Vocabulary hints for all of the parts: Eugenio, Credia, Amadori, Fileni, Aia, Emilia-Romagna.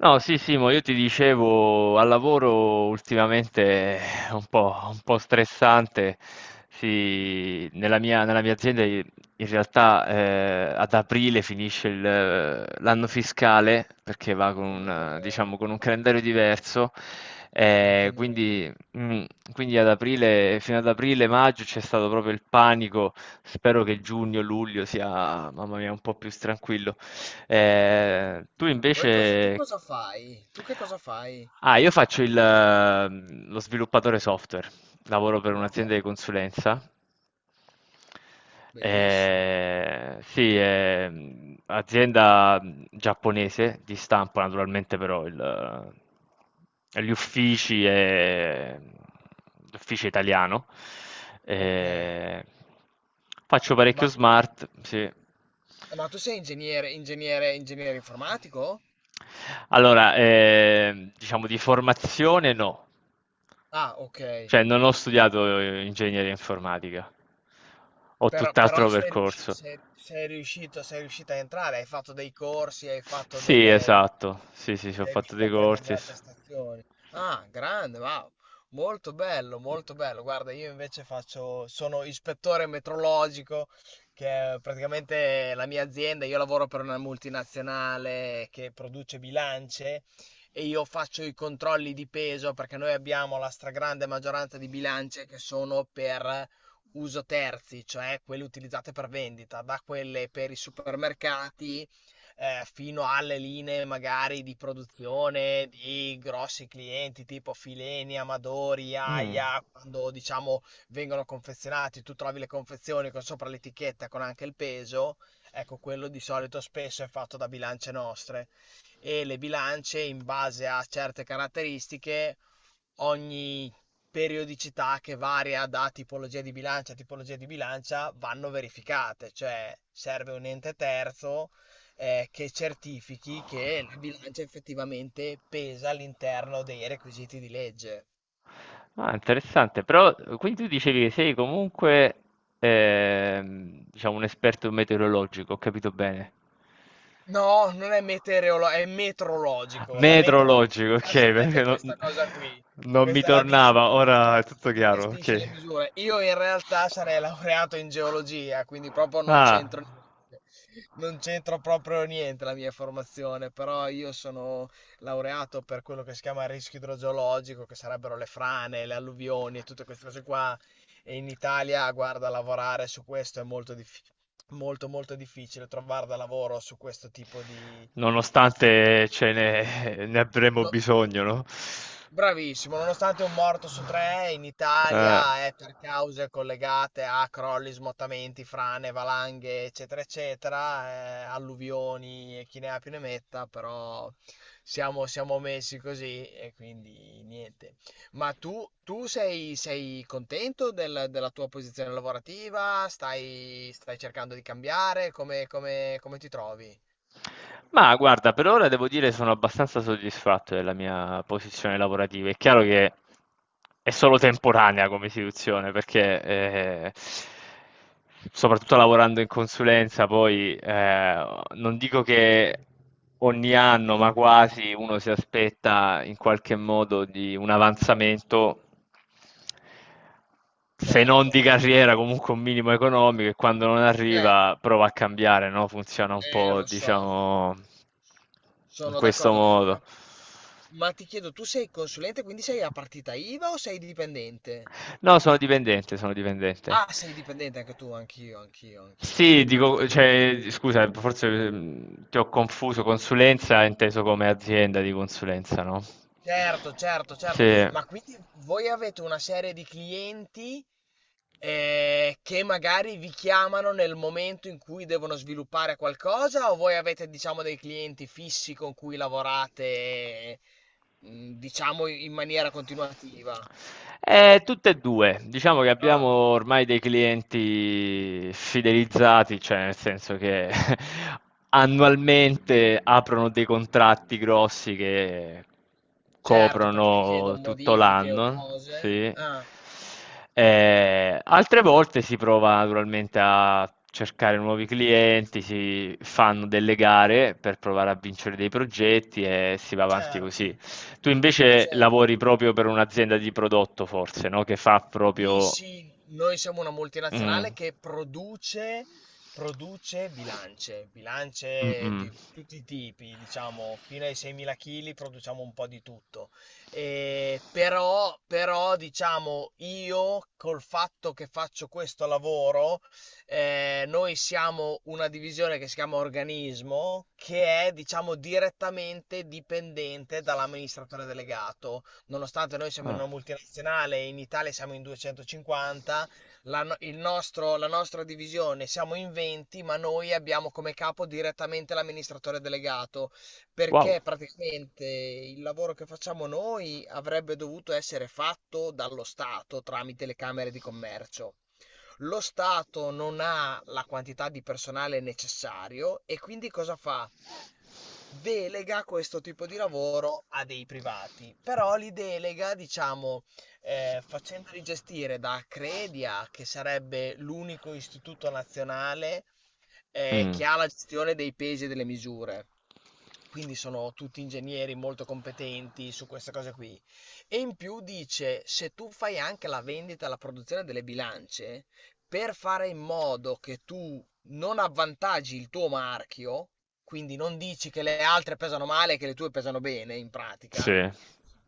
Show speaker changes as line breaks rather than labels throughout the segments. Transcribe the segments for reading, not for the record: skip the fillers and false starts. No, sì, Simo, io ti dicevo, al lavoro ultimamente è un po' stressante. Sì, nella mia azienda in realtà ad aprile finisce l'anno fiscale perché va con
Come delle,
diciamo, con un
come
calendario diverso.
anche
eh,
noi.
quindi, mm, quindi ad aprile, fino ad aprile, maggio c'è stato proprio il panico. Spero che giugno, luglio sia, mamma mia, un po' più tranquillo. Tu
Voi cosa, tu
invece...
cosa fai? Tu che cosa fai?
Ah, io faccio lo sviluppatore software, lavoro per
Wow,
un'azienda di consulenza.
bellissimo.
Sì, è azienda giapponese di stampo, naturalmente però il, gli uffici è l'ufficio italiano.
Ok.
Eh, faccio parecchio
Ma tu,
smart, sì.
ma tu sei ingegnere, ingegnere, ingegnere informatico?
Allora, diciamo di formazione no,
Ah, ok.
cioè non ho studiato ingegneria informatica, ho
Però, però
tutt'altro
sei
percorso.
riuscito, sei riuscito a entrare, hai fatto dei corsi, hai fatto
Sì,
delle...
esatto, sì, sì, sì, ho
Sei
fatto
riuscito
dei
a prendere
corsi. e
la
s-
attestazione. Ah, grande, wow. Molto bello, molto bello. Guarda, io invece faccio, sono ispettore metrologico, che è praticamente la mia azienda. Io lavoro per una multinazionale che produce bilance e io faccio i controlli di peso perché noi abbiamo la stragrande maggioranza di bilance che sono per uso terzi, cioè quelle utilizzate per vendita, da quelle per i supermercati fino alle linee magari di produzione di grossi clienti tipo Fileni, Amadori,
Mm.
Aia, quando diciamo vengono confezionati, tu trovi le confezioni con sopra l'etichetta con anche il peso, ecco quello di solito spesso è fatto da bilance nostre e le bilance in base a certe caratteristiche ogni periodicità che varia da tipologia di bilancia a tipologia di bilancia vanno verificate, cioè serve un ente terzo che certifichi che la bilancia effettivamente pesa all'interno dei requisiti di legge.
Ah, interessante, però quindi tu dicevi che sei comunque diciamo un esperto meteorologico, ho capito bene.
No, non è meteorologico, è metrologico. La
Metrologico, ok,
metrologia
perché
sarebbe questa
non,
cosa qui.
non mi
Questa è la
tornava, ora
disciplina
è tutto
che
chiaro,
gestisce le
ok.
misure. Io in realtà sarei laureato in geologia, quindi proprio non
Ah,
c'entro niente. Non c'entro proprio niente la mia formazione, però io sono laureato per quello che si chiama rischio idrogeologico, che sarebbero le frane, le alluvioni e tutte queste cose qua. E in Italia, guarda, lavorare su questo è molto, molto, molto difficile, trovare da lavoro su questo tipo di...
ne avremo
No-
bisogno, no?
Bravissimo, nonostante un morto su tre in
Eh.
Italia è per cause collegate a crolli, smottamenti, frane, valanghe, eccetera, eccetera, alluvioni e chi ne ha più ne metta, però siamo messi così e quindi niente. Ma tu sei, sei contento della tua posizione lavorativa? Stai, stai cercando di cambiare? Come ti trovi?
Ma guarda, per ora devo dire sono abbastanza soddisfatto della mia posizione lavorativa. È chiaro che è solo temporanea come istituzione, perché soprattutto lavorando in consulenza, poi non dico che ogni anno, ma quasi uno si aspetta in qualche modo di un avanzamento se non
Certo,
di carriera, comunque un minimo economico e quando non
cioè,
arriva prova a cambiare, no? Funziona un po',
lo so,
diciamo, in
sono
questo
d'accordo. Ma
modo.
Ma ti chiedo, tu sei consulente, quindi sei a partita IVA o sei dipendente?
No, sono dipendente, sono dipendente.
Ah, sei dipendente anche tu, anch'io.
Sì,
Ah,
dico,
no.
cioè, scusa, forse ti ho confuso, consulenza è inteso come azienda di consulenza, no?
Certo.
Sì.
Ma quindi voi avete una serie di clienti che magari vi chiamano nel momento in cui devono sviluppare qualcosa o voi avete, diciamo, dei clienti fissi con cui lavorate, diciamo, in maniera continuativa?
Tutte e due, diciamo che abbiamo
Ah.
ormai dei clienti fidelizzati, cioè nel senso che annualmente aprono dei contratti grossi che
Certo, perché
coprono
chiedono
tutto
modifiche o
l'anno,
cose.
sì.
Ah.
Altre volte si prova naturalmente a cercare nuovi clienti, si fanno delle gare per provare a vincere dei progetti e si va avanti così.
certo
Tu invece lavori
certo.
proprio per un'azienda di prodotto, forse, no? Che fa
Sì,
proprio...
sì, noi siamo una
Mm,
multinazionale che produce, produce bilance, bilance
mm.
di tutti i tipi, diciamo, fino ai 6.000 kg produciamo un po' di tutto. E diciamo, io col fatto che faccio questo lavoro, noi siamo una divisione che si chiama Organismo, che è, diciamo, direttamente dipendente dall'amministratore delegato nonostante noi siamo in
Ah,
una multinazionale e in Italia siamo in 250, la, no- il nostro- la nostra divisione siamo in 20, ma noi abbiamo come capo direttamente l'amministratore delegato,
wow.
perché praticamente il lavoro che facciamo noi avrebbe dovuto essere fatto dallo Stato tramite le camere di commercio. Lo Stato non ha la quantità di personale necessario e quindi cosa fa? Delega questo tipo di lavoro a dei privati, però li delega, diciamo, facendoli gestire da Credia, che sarebbe l'unico istituto nazionale
Mm,
che ha la gestione dei pesi e delle misure. Quindi sono tutti ingegneri molto competenti su queste cose qui. E in più dice, se tu fai anche la vendita e la produzione delle bilance, per fare in modo che tu non avvantaggi il tuo marchio, quindi non dici che le altre pesano male e che le tue pesano bene, in pratica,
sì.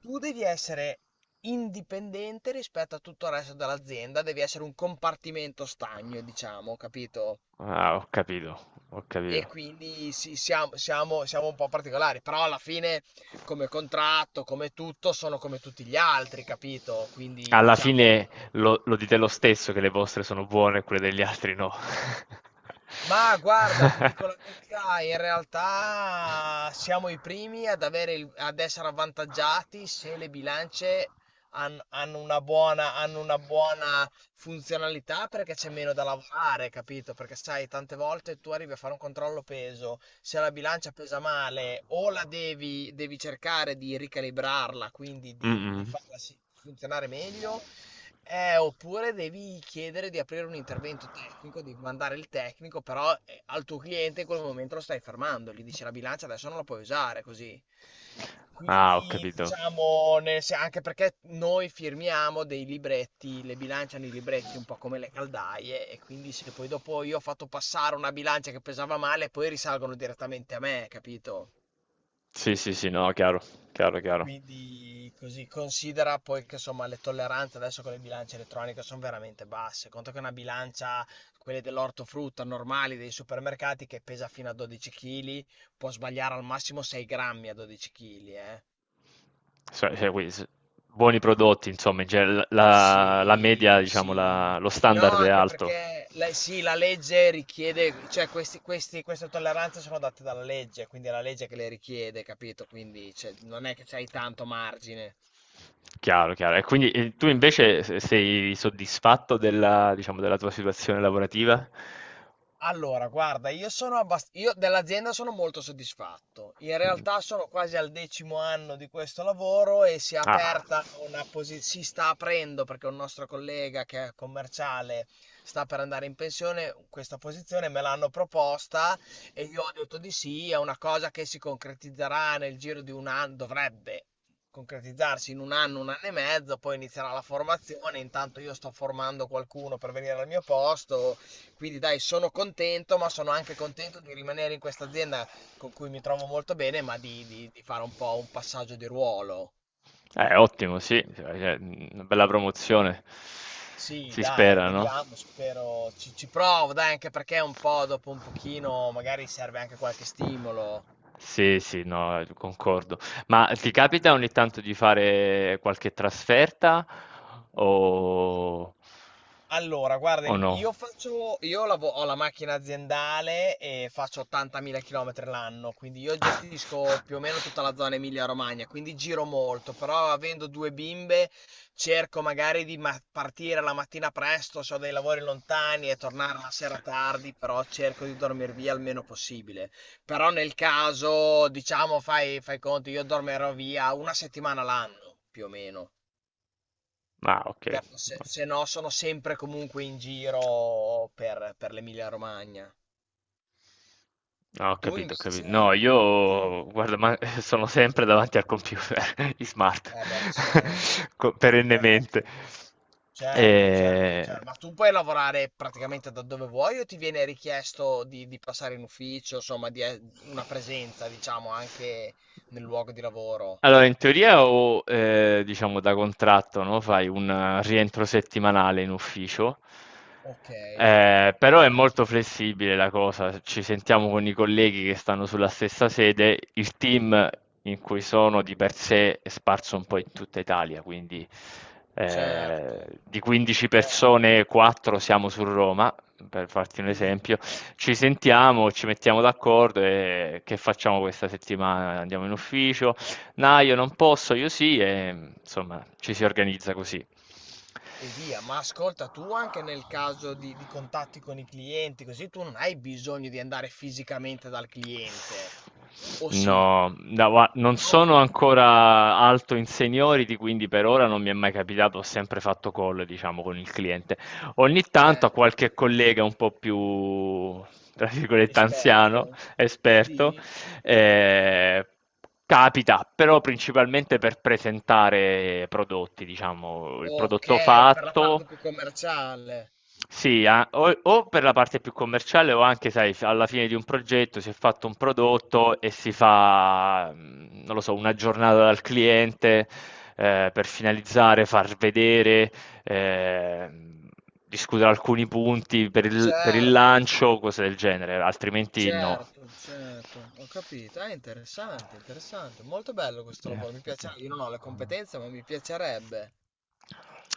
tu devi essere indipendente rispetto a tutto il resto dell'azienda, devi essere un compartimento stagno, diciamo, capito?
Ah, ho capito, ho
E
capito.
quindi sì, siamo un po' particolari, però alla fine come contratto, come tutto, sono come tutti gli altri, capito? Quindi
Alla
diciamo...
fine lo dite lo stesso che le vostre sono buone e quelle degli altri no.
Ma guarda, ti dico la verità, in realtà siamo i primi ad avere ad essere avvantaggiati se le bilance hanno una buona funzionalità perché c'è meno da lavorare, capito? Perché sai, tante volte tu arrivi a fare un controllo peso, se la bilancia pesa male o la devi, devi cercare di ricalibrarla, quindi di
Mh-mh.
farla funzionare meglio oppure devi chiedere di aprire un intervento tecnico, di mandare il tecnico, però al tuo cliente in quel momento lo stai fermando, gli dici la bilancia adesso non la puoi usare così.
Ah, ho
Quindi
capito.
diciamo, anche perché noi firmiamo dei libretti, le bilance hanno i libretti un po' come le caldaie e quindi se poi dopo io ho fatto passare una bilancia che pesava male, poi risalgono direttamente a me, capito?
Sì, sì, sì, no, chiaro, chiaro, chiaro.
Quindi così considera poi che insomma le tolleranze adesso con le bilance elettroniche sono veramente basse. Conto che una bilancia, quelle dell'ortofrutta normali dei supermercati che pesa fino a 12 kg, può sbagliare al massimo 6 grammi a 12 kg, eh.
So cioè quindi s buoni prodotti insomma, in genere l la media
Sì,
diciamo la
sì.
lo
No,
standard è
anche
alto.
perché la, sì, la legge richiede, cioè queste tolleranze sono date dalla legge, quindi è la legge che le richiede, capito? Quindi cioè, non è che c'hai tanto margine.
Chiaro, chiaro. E quindi, tu invece se sei soddisfatto della diciamo della tua situazione lavorativa?
Allora, guarda, io dell'azienda sono molto soddisfatto. In
Mh.
realtà sono quasi al decimo anno di questo lavoro e si è
Ah.
aperta una posizione, si sta aprendo perché un nostro collega che è commerciale sta per andare in pensione, questa posizione me l'hanno proposta e io ho detto di sì, è una cosa che si concretizzerà nel giro di un anno, dovrebbe concretizzarsi in un anno e mezzo, poi inizierà la formazione, intanto io sto formando qualcuno per venire al mio posto quindi dai, sono contento, ma sono anche contento di rimanere in questa azienda con cui mi trovo molto bene, ma di fare un po' un passaggio di ruolo.
Ottimo, sì, cioè, una bella promozione,
Sì,
si
dai,
spera, no?
vediamo, spero. Ci provo, dai, anche perché un po' dopo un pochino magari serve anche qualche stimolo.
Sì, sì, no, concordo. Ma ti capita ogni tanto di fare qualche o,
Allora, guarda,
o
il-
no?
io faccio, io lavo- ho la macchina aziendale e faccio 80.000 km l'anno, quindi io gestisco più o meno tutta la zona Emilia-Romagna, quindi giro molto, però avendo due bimbe cerco magari di partire la mattina presto se ho dei lavori lontani e tornare la sera tardi, però cerco di dormire via il meno possibile. Però nel caso, diciamo, fai conto, io dormirò via una settimana l'anno, più o meno.
Ma ok.
Però se, se no sono sempre comunque in giro per l'Emilia Romagna.
No, ho
Tu
capito, ho capito.
invece?
No,
Tu... no.
io guarda, ma sono sempre davanti al computer, i smart,
Eh beh,
perennemente.
certo,
Eh,
certo. Ma tu puoi lavorare praticamente da dove vuoi o ti viene richiesto di passare in ufficio, insomma, di una presenza, diciamo, anche nel luogo di lavoro?
Allora, in teoria o diciamo da contratto, no? Fai un rientro settimanale in ufficio,
Ok,
però è molto flessibile la cosa. Ci sentiamo con i colleghi che stanno sulla stessa sede, il team in cui sono di per sé è sparso un po' in tutta Italia, quindi
certo,
di 15
certo.
persone, 4 siamo su Roma per farti un
Sì.
esempio, ci sentiamo, ci mettiamo d'accordo e che facciamo questa settimana? Andiamo in ufficio? No, io non posso, io sì, e insomma ci si organizza così.
E via, ma ascolta tu anche nel caso di contatti con i clienti, così tu non hai bisogno di andare fisicamente dal cliente, o sì?
No, da gua non
No,
sono ancora alto in seniority, quindi per ora non mi è mai capitato, ho sempre fatto call, diciamo, con il cliente. Ogni tanto a
certo.
qualche collega un po' più, tra virgolette, anziano,
Esperto?
esperto,
Sì.
eh, capita, però principalmente per presentare prodotti, diciamo, il
Ok,
prodotto
per la
fatto,
parte più commerciale.
sì, o per la parte più commerciale o anche, sai, alla fine di un progetto si è fatto un prodotto e si fa, non lo so, una giornata dal cliente per finalizzare, far vedere, ehm, discutere alcuni punti per il
Certo,
lancio, cose del genere, altrimenti no.
certo. Ho capito. È interessante, interessante. Molto bello questo
Eh,
lavoro. Mi
eh.
piacerebbe. Io non ho le competenze, ma mi piacerebbe.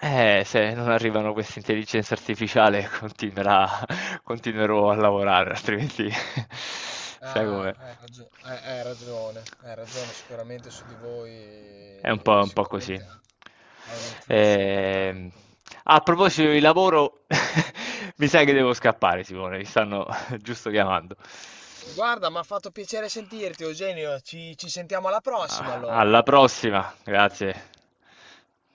Se non arrivano queste intelligenze artificiali continuerà continuerò a lavorare, altrimenti sai
Ah,
com'è.
hai ragione, sicuramente su di voi,
È un po' così.
sicuramente ha un influsso
Ehm,
importante.
a proposito di lavoro, mi sa che devo scappare, Simone, mi stanno giusto chiamando.
Guarda, mi ha fatto piacere sentirti, Eugenio, ci sentiamo alla prossima
Ah,
allora.
alla prossima, grazie.